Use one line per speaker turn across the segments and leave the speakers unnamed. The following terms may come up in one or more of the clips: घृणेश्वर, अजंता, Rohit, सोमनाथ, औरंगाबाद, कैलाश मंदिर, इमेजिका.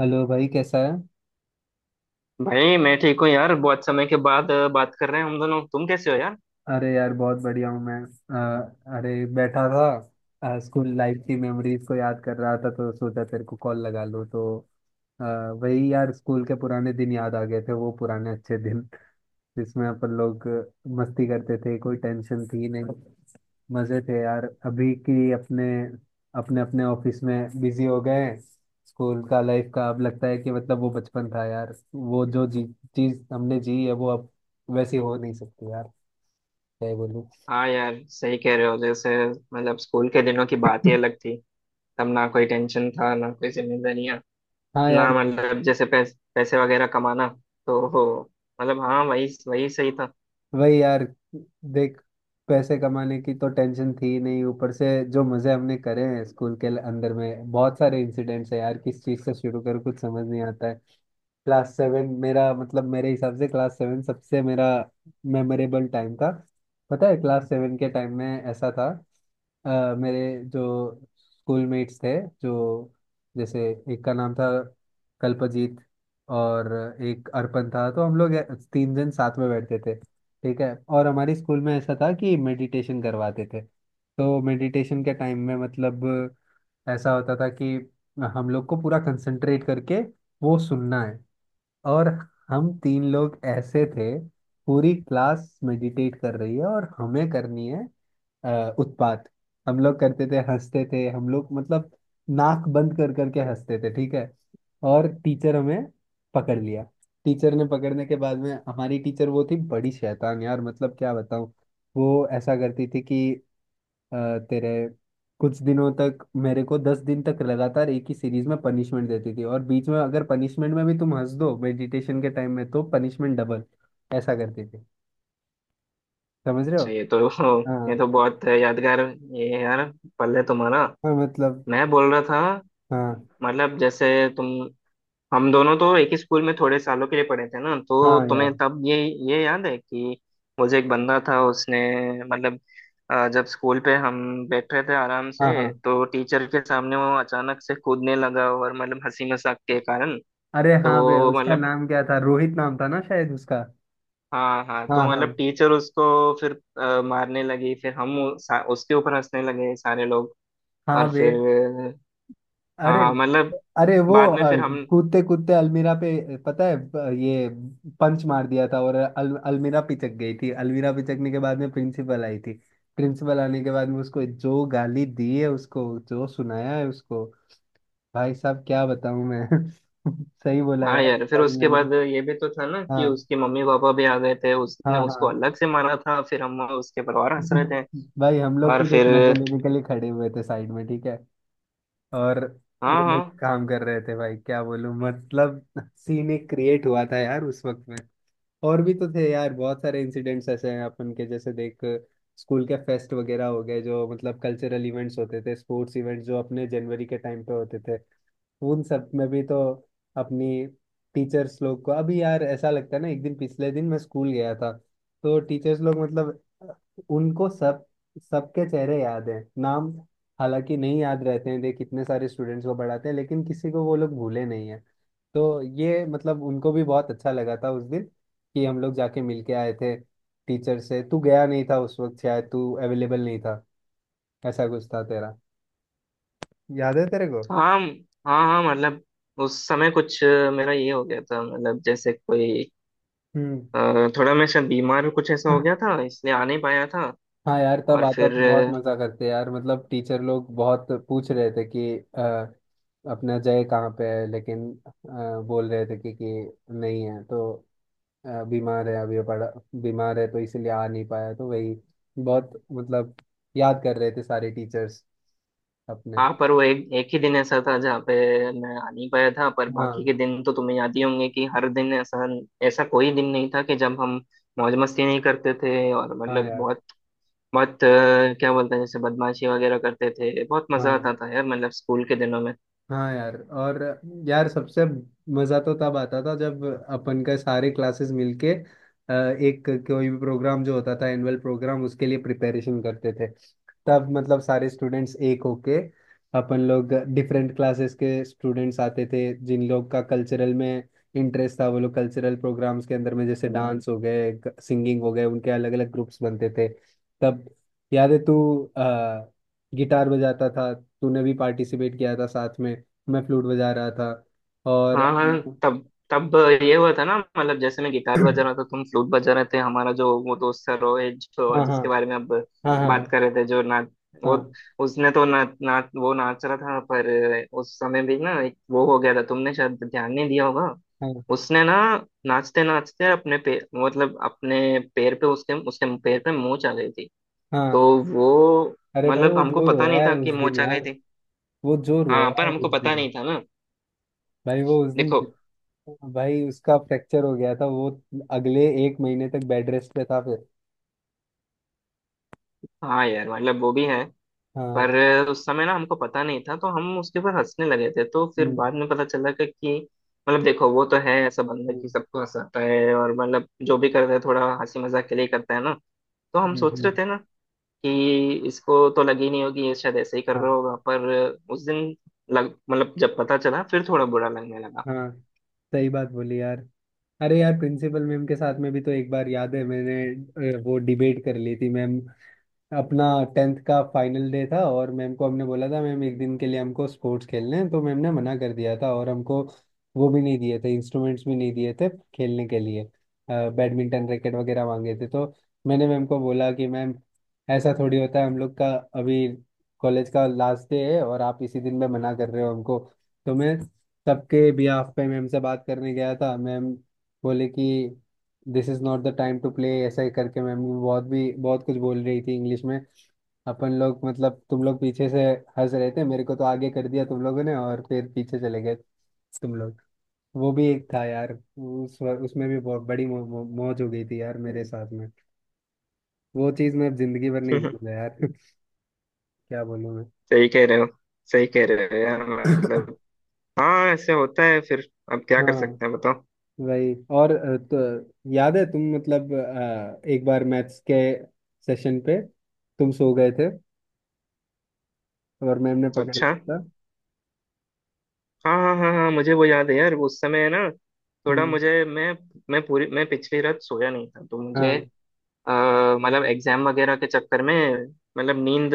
Hello भाई, कैसा है।
भाई मैं ठीक हूँ यार। बहुत समय के बाद बात कर रहे हैं हम दोनों। तुम कैसे हो यार?
अरे यार, बहुत बढ़िया हूँ मैं। अरे, बैठा था, स्कूल लाइफ की मेमोरीज को याद कर रहा था तो सोचा तेरे को कॉल लगा लूँ तो अ, वही यार, स्कूल के पुराने दिन याद आ गए थे, वो पुराने अच्छे दिन जिसमें अपन लोग मस्ती करते थे, कोई टेंशन थी नहीं। मजे थे यार। अभी की अपने अपने अपने ऑफिस में बिजी हो गए हैं। स्कूल का लाइफ का अब लगता है कि मतलब वो बचपन था यार, वो जो जी चीज हमने जी है वो अब वैसी हो नहीं सकती यार। क्या ही बोलूं।
हाँ यार, सही कह रहे हो। जैसे मतलब स्कूल के दिनों की बात ही अलग थी। तब ना कोई टेंशन था ना कोई जिम्मेदारियाँ।
हाँ
ना
यार।
मतलब जैसे पैसे वगैरह कमाना। तो हो, मतलब हाँ, वही वही सही था।
वही यार, देख। पैसे कमाने की तो टेंशन थी ही नहीं, ऊपर से जो मजे हमने करे हैं स्कूल के अंदर में, बहुत सारे इंसिडेंट्स है यार। किस चीज से शुरू करूँ, कुछ समझ नहीं आता है। क्लास सेवन मेरा मतलब, मेरे हिसाब से क्लास सेवन सबसे मेरा मेमोरेबल टाइम था। पता है, क्लास सेवन के टाइम में ऐसा था, मेरे जो स्कूल मेट्स थे, जो जैसे एक का नाम था कल्पजीत और एक अर्पण था, तो हम लोग तीन जन साथ में बैठते थे। ठीक है, और हमारे स्कूल में ऐसा था कि मेडिटेशन करवाते थे, तो मेडिटेशन के टाइम में मतलब ऐसा होता था कि हम लोग को पूरा कंसंट्रेट करके वो सुनना है, और हम तीन लोग ऐसे थे, पूरी क्लास मेडिटेट कर रही है और हमें करनी है उत्पात। हम लोग करते थे, हंसते थे हम लोग, मतलब नाक बंद कर करके हंसते थे। ठीक है, और टीचर हमें पकड़ लिया। टीचर ने पकड़ने के बाद में हमारी टीचर वो थी बड़ी शैतान यार, मतलब क्या बताऊं। वो ऐसा करती थी कि अ, तेरे कुछ दिनों तक मेरे को 10 दिन तक लगातार एक ही सीरीज में पनिशमेंट देती थी, और बीच में अगर पनिशमेंट में भी तुम हंस दो मेडिटेशन के टाइम में तो पनिशमेंट डबल। ऐसा करती थी। समझ रहे हो।
अच्छा, ये तो ये तो
हाँ
बहुत यादगार ये है यार। पल है तुम्हारा।
हाँ। मतलब
मैं बोल रहा था,
हाँ
मतलब जैसे तुम, हम दोनों तो एक ही स्कूल में थोड़े सालों के लिए पढ़े थे ना। तो
हाँ
तुम्हें
यार।
तब ये याद है कि मुझे एक बंदा था उसने मतलब जब स्कूल पे हम बैठ रहे थे आराम
हाँ
से
हाँ।
तो टीचर के सामने वो अचानक से कूदने लगा और मतलब हंसी मजाक के कारण।
अरे हाँ बे,
तो
उसका
मतलब
नाम क्या था, रोहित नाम था ना शायद उसका।
हाँ हाँ, तो
हाँ हाँ।
मतलब टीचर उसको फिर मारने लगी। फिर हम उसके ऊपर हंसने लगे सारे लोग।
हाँ
और
बे,
फिर
अरे।
हाँ मतलब
अरे वो
बाद में फिर हम।
कूदते कूदते अलमीरा पे पता है ये पंच मार दिया था और अलमीरा पिचक गई थी। अलमीरा पिचकने के बाद में प्रिंसिपल आई थी। प्रिंसिपल आने के बाद में उसको जो गाली दी है, उसको जो सुनाया है उसको, भाई साहब क्या बताऊं मैं। सही बोला
हाँ
यार,
यार, फिर
तुम्हारी
उसके
मेमोरी।
बाद ये भी तो था ना कि
हाँ
उसके मम्मी पापा भी आ गए थे, उसने
हाँ
उसको
हाँ।
अलग से मारा था। फिर हम उसके परिवार हंस रहे थे।
भाई हम लोग
और
तो देख
फिर
मजे लेने के लिए खड़े हुए थे साइड में। ठीक है, और वो
हाँ
लोग
हाँ
काम कर रहे थे भाई, क्या बोलूं, मतलब सीन एक क्रिएट हुआ था यार उस वक्त में। और भी तो थे यार, बहुत सारे इंसिडेंट्स ऐसे हैं अपन के, जैसे देख स्कूल के फेस्ट वगैरह हो गए जो मतलब कल्चरल इवेंट्स होते थे, स्पोर्ट्स इवेंट्स जो अपने जनवरी के टाइम पे होते थे, उन सब में भी तो अपनी टीचर्स लोग को, अभी यार ऐसा लगता है ना, एक दिन पिछले दिन मैं स्कूल गया था। तो टीचर्स लोग मतलब अ, उनको सब, सबके चेहरे याद हैं, नाम हालांकि नहीं याद रहते हैं, देख कितने सारे स्टूडेंट्स को पढ़ाते हैं, लेकिन किसी को वो लोग भूले नहीं है। तो ये मतलब उनको भी बहुत अच्छा लगा था उस दिन, कि हम लोग जाके मिल के आए थे टीचर से। तू गया नहीं था उस वक्त, शायद तू अवेलेबल नहीं था, ऐसा कुछ था तेरा। याद है तेरे को।
हाँ हाँ, हाँ मतलब उस समय कुछ मेरा ये हो गया था। मतलब जैसे कोई
हम्म।
अ, थोड़ा मैं शायद बीमार कुछ ऐसा हो गया था, इसलिए आ नहीं पाया था।
हाँ यार, तब
और
आता
फिर
तो बहुत मजा करते यार, मतलब टीचर लोग बहुत पूछ रहे थे कि अ, अपना जय कहाँ पे है, लेकिन बोल रहे थे कि नहीं है तो बीमार है अभी पड़ा, बीमार है तो इसीलिए आ नहीं पाया, तो वही बहुत मतलब याद कर रहे थे सारे टीचर्स अपने।
हाँ, पर वो एक एक ही दिन ऐसा था जहाँ पे मैं आ नहीं पाया था। पर बाकी
हाँ
के दिन तो तुम्हें याद ही होंगे कि हर दिन ऐसा, ऐसा कोई दिन नहीं था कि जब हम मौज मस्ती नहीं करते थे। और
हाँ
मतलब
यार।
बहुत बहुत क्या बोलते हैं, जैसे बदमाशी वगैरह करते थे। बहुत मजा
हाँ
आता था यार, मतलब स्कूल के दिनों में।
हाँ यार, और यार सबसे मज़ा तो तब आता था जब अपन का सारे क्लासेस मिलके एक कोई भी प्रोग्राम जो होता था एनुअल प्रोग्राम उसके लिए प्रिपरेशन करते थे। तब मतलब सारे स्टूडेंट्स एक होके, अपन लोग डिफरेंट क्लासेस के स्टूडेंट्स आते थे, जिन लोग का कल्चरल में इंटरेस्ट था वो लोग कल्चरल प्रोग्राम्स के अंदर में, जैसे डांस हो गए, सिंगिंग हो गए, उनके अलग अलग ग्रुप्स बनते थे। तब याद है तू अ, गिटार बजाता था, तूने भी पार्टिसिपेट किया था साथ में, मैं फ्लूट बजा रहा था और
हाँ हाँ, तब तब ये हुआ था ना, मतलब जैसे मैं गिटार बजा रहा था, तुम फ्लूट बजा रहे थे। हमारा जो वो दोस्त था रोहित, जो
हाँ हाँ
जिसके बारे में अब
हाँ
बात
हाँ
कर रहे थे, जो नाच वो
हाँ
उसने तो ना ना वो नाच रहा था। पर उस समय भी ना एक वो हो गया था, तुमने शायद ध्यान नहीं दिया होगा।
हाँ
उसने ना नाचते नाचते अपने पैर, मतलब अपने पैर पे, उसके उसके पैर पे मोच आ गई थी।
हाँ।
तो वो
अरे भाई,
मतलब
वो
हमको
जो
पता
रोया
नहीं
है
था
उस
कि
दिन
मोच आ गई
यार,
थी।
वो जो
हाँ,
रोया
पर
है
हमको
उस
पता नहीं
दिन,
था ना।
भाई वो उस दिन,
देखो,
भाई उसका फ्रैक्चर हो गया था, वो अगले एक महीने तक बेड रेस्ट पे था फिर।
हाँ यार मतलब वो भी है।
हाँ।
पर उस समय ना हमको पता नहीं था, तो हम उसके ऊपर हंसने लगे थे। तो फिर
हम्म
बाद में पता चला कि मतलब देखो, वो तो है ऐसा बंदा
हम्म
कि सबको हंसाता है, और मतलब जो भी करता है थोड़ा हंसी मजाक के लिए करता है ना। तो हम सोच रहे
हम्म।
थे ना कि इसको तो लगी नहीं होगी, ये शायद ऐसे ही कर रहा
हाँ
होगा। पर उस दिन लग मतलब जब पता चला फिर थोड़ा बुरा लगने लगा।
हाँ, सही बात बोली यार। अरे यार, प्रिंसिपल मैम के साथ में भी तो एक बार याद है मैंने वो डिबेट कर ली थी मैम। अपना टेंथ का फाइनल डे था, और मैम को हमने बोला था मैम एक दिन के लिए हमको स्पोर्ट्स खेलने हैं, तो मैम ने मना कर दिया था और हमको वो भी नहीं दिए थे, इंस्ट्रूमेंट्स भी नहीं दिए थे खेलने के लिए, बैडमिंटन रैकेट वगैरह मांगे थे। तो मैंने मैम को बोला कि मैम ऐसा थोड़ी होता है हम लोग का, अभी कॉलेज का लास्ट डे है और आप इसी दिन में मना कर रहे हो हमको। तो मैं सबके बिहाफ पे मैम से बात करने गया था, मैम बोले कि this is not the time to play ऐसा ही करके, मैम बहुत भी बहुत कुछ बोल रही थी इंग्लिश में। अपन लोग मतलब तुम लोग पीछे से हंस रहे थे, मेरे को तो आगे कर दिया तुम लोगों ने और फिर पीछे चले गए तुम लोग। वो भी एक था यार, उस उसमें भी बहुत बड़ी मौ, मौ, मौज हो गई थी यार मेरे साथ में। वो चीज़ मैं जिंदगी भर नहीं भूलूंगा यार। क्या बोलूं मैं।
सही कह रहे हो, सही कह रहे हो यार मतलब। हाँ, ऐसे होता है फिर। अब क्या कर
हाँ
सकते हैं बताओ?
वही। और तो याद है तुम मतलब एक बार मैथ्स के सेशन पे तुम सो गए थे और मैम ने पकड़
अच्छा,
लिया था।
हाँ हाँ हाँ हाँ, मुझे वो याद है यार। उस समय ना थोड़ा
हम्म।
मुझे मैं पूरी मैं पिछली रात सोया नहीं था तो मुझे
हाँ
मतलब एग्जाम वगैरह के चक्कर में मतलब नींद,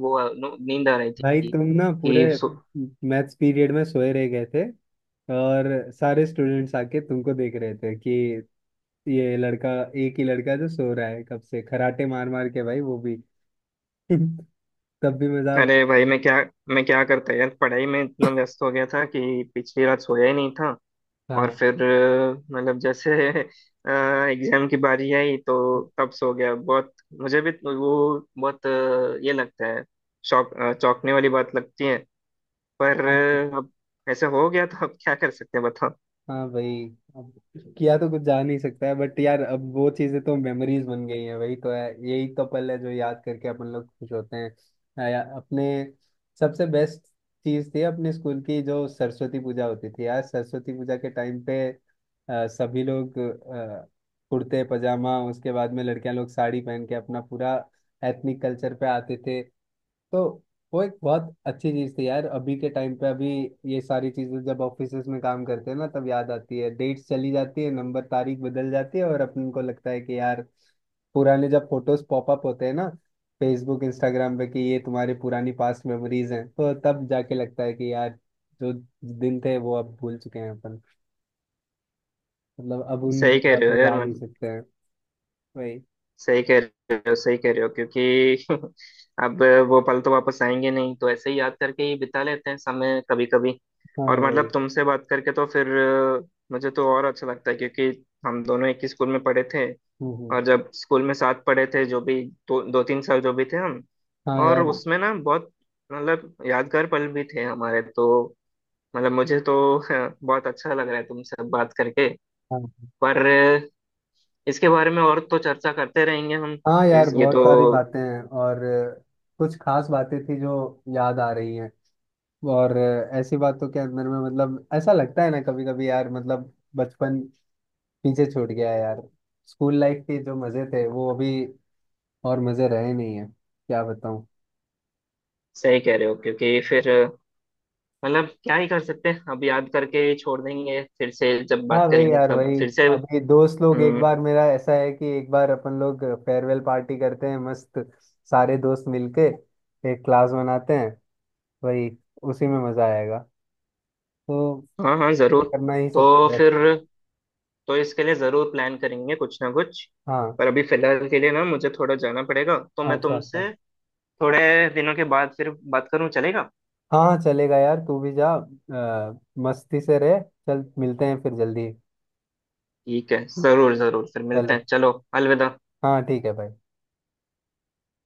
वो नींद आ रही
भाई,
थी
तुम ना पूरे
कि सो।
मैथ्स पीरियड में सोए रह गए थे, और सारे स्टूडेंट्स आके तुमको देख रहे थे कि ये लड़का, एक ही लड़का जो सो रहा है कब से खराटे मार मार के, भाई वो भी तब भी मजाक।
अरे भाई, मैं क्या, मैं क्या करता यार? पढ़ाई में इतना व्यस्त हो गया था कि पिछली रात सोया ही नहीं था। और
हाँ
फिर मतलब जैसे एग्जाम की बारी आई तो तब सो गया। बहुत मुझे भी वो बहुत ये लगता है, शौक चौंकने वाली बात लगती है। पर अब ऐसा हो गया तो अब क्या कर सकते हैं बताओ?
हाँ भाई, अब किया तो कुछ जा नहीं सकता है बट यार, अब वो चीजें तो मेमोरीज बन गई हैं, वही तो है, यही तो पल है जो याद करके अपन लोग खुश होते हैं। अपने सबसे बेस्ट चीज थी अपने स्कूल की जो सरस्वती पूजा होती थी यार। सरस्वती पूजा के टाइम पे सभी लोग कुर्ते पजामा, उसके बाद में लड़कियां लोग साड़ी पहन के अपना पूरा एथनिक कल्चर पे आते थे। तो वो एक बहुत अच्छी चीज थी यार। अभी के टाइम पे, अभी ये सारी चीजें जब ऑफिसेज में काम करते हैं ना तब याद आती है, डेट्स चली जाती है, नंबर तारीख बदल जाती है, और अपन को लगता है कि यार पुराने, जब फोटोज पॉपअप होते हैं ना फेसबुक इंस्टाग्राम पे कि ये तुम्हारी पुरानी पास्ट मेमोरीज हैं, तो तब जाके लगता है कि यार जो दिन थे वो अब भूल चुके हैं अपन, मतलब अब उन
सही कह
जगह
रहे हो
पे
यार
जा नहीं
मतलब,
सकते हैं। वही।
सही कह रहे हो, सही कह रहे हो क्योंकि अब वो पल तो वापस आएंगे नहीं, तो ऐसे ही याद करके ही बिता लेते हैं समय कभी कभी।
हाँ
और मतलब
वही।
तुमसे बात करके तो फिर मुझे तो और अच्छा लगता है क्योंकि हम दोनों एक ही स्कूल में पढ़े थे।
हम्म हम्म।
और जब स्कूल में साथ पढ़े थे जो भी दो दो तीन साल जो भी थे हम,
हाँ
और
यार।
उसमें ना बहुत मतलब यादगार पल भी थे हमारे। तो मतलब मुझे तो बहुत अच्छा लग रहा है तुमसे बात करके।
हाँ
पर इसके बारे में और तो चर्चा करते रहेंगे हम।
हाँ यार,
ये
बहुत
तो
सारी बातें हैं, और कुछ खास बातें थी जो याद आ रही हैं। और ऐसी बातों के अंदर में मतलब ऐसा लगता है ना कभी कभी यार, मतलब बचपन पीछे छूट गया है यार, स्कूल लाइफ के जो मजे थे वो अभी और मजे रहे नहीं है। क्या बताऊँ।
सही कह रहे हो क्योंकि फिर मतलब क्या ही कर सकते हैं? अब याद करके छोड़ देंगे, फिर से जब
हाँ
बात
वही
करेंगे
यार
तब
वही।
फिर से।
अभी दोस्त लोग, एक
हम्म।
बार मेरा ऐसा है कि एक बार अपन लोग फेयरवेल पार्टी करते हैं मस्त, सारे दोस्त मिलके एक क्लास बनाते हैं, वही उसी में मजा आएगा। तो,
हाँ हाँ
तो
जरूर।
करना ही
तो
सबसे बेस्ट।
फिर, तो इसके लिए जरूर प्लान करेंगे कुछ ना कुछ।
हाँ।
पर अभी फिलहाल के लिए ना मुझे थोड़ा जाना पड़ेगा, तो मैं
अच्छा अच्छा।
तुमसे थोड़े दिनों के बाद फिर बात करूं, चलेगा?
हाँ हाँ, चलेगा यार, तू भी जा मस्ती से रह। चल मिलते हैं फिर जल्दी।
ठीक है, जरूर जरूर फिर मिलते हैं।
चलो।
चलो अलविदा।
हाँ ठीक है भाई।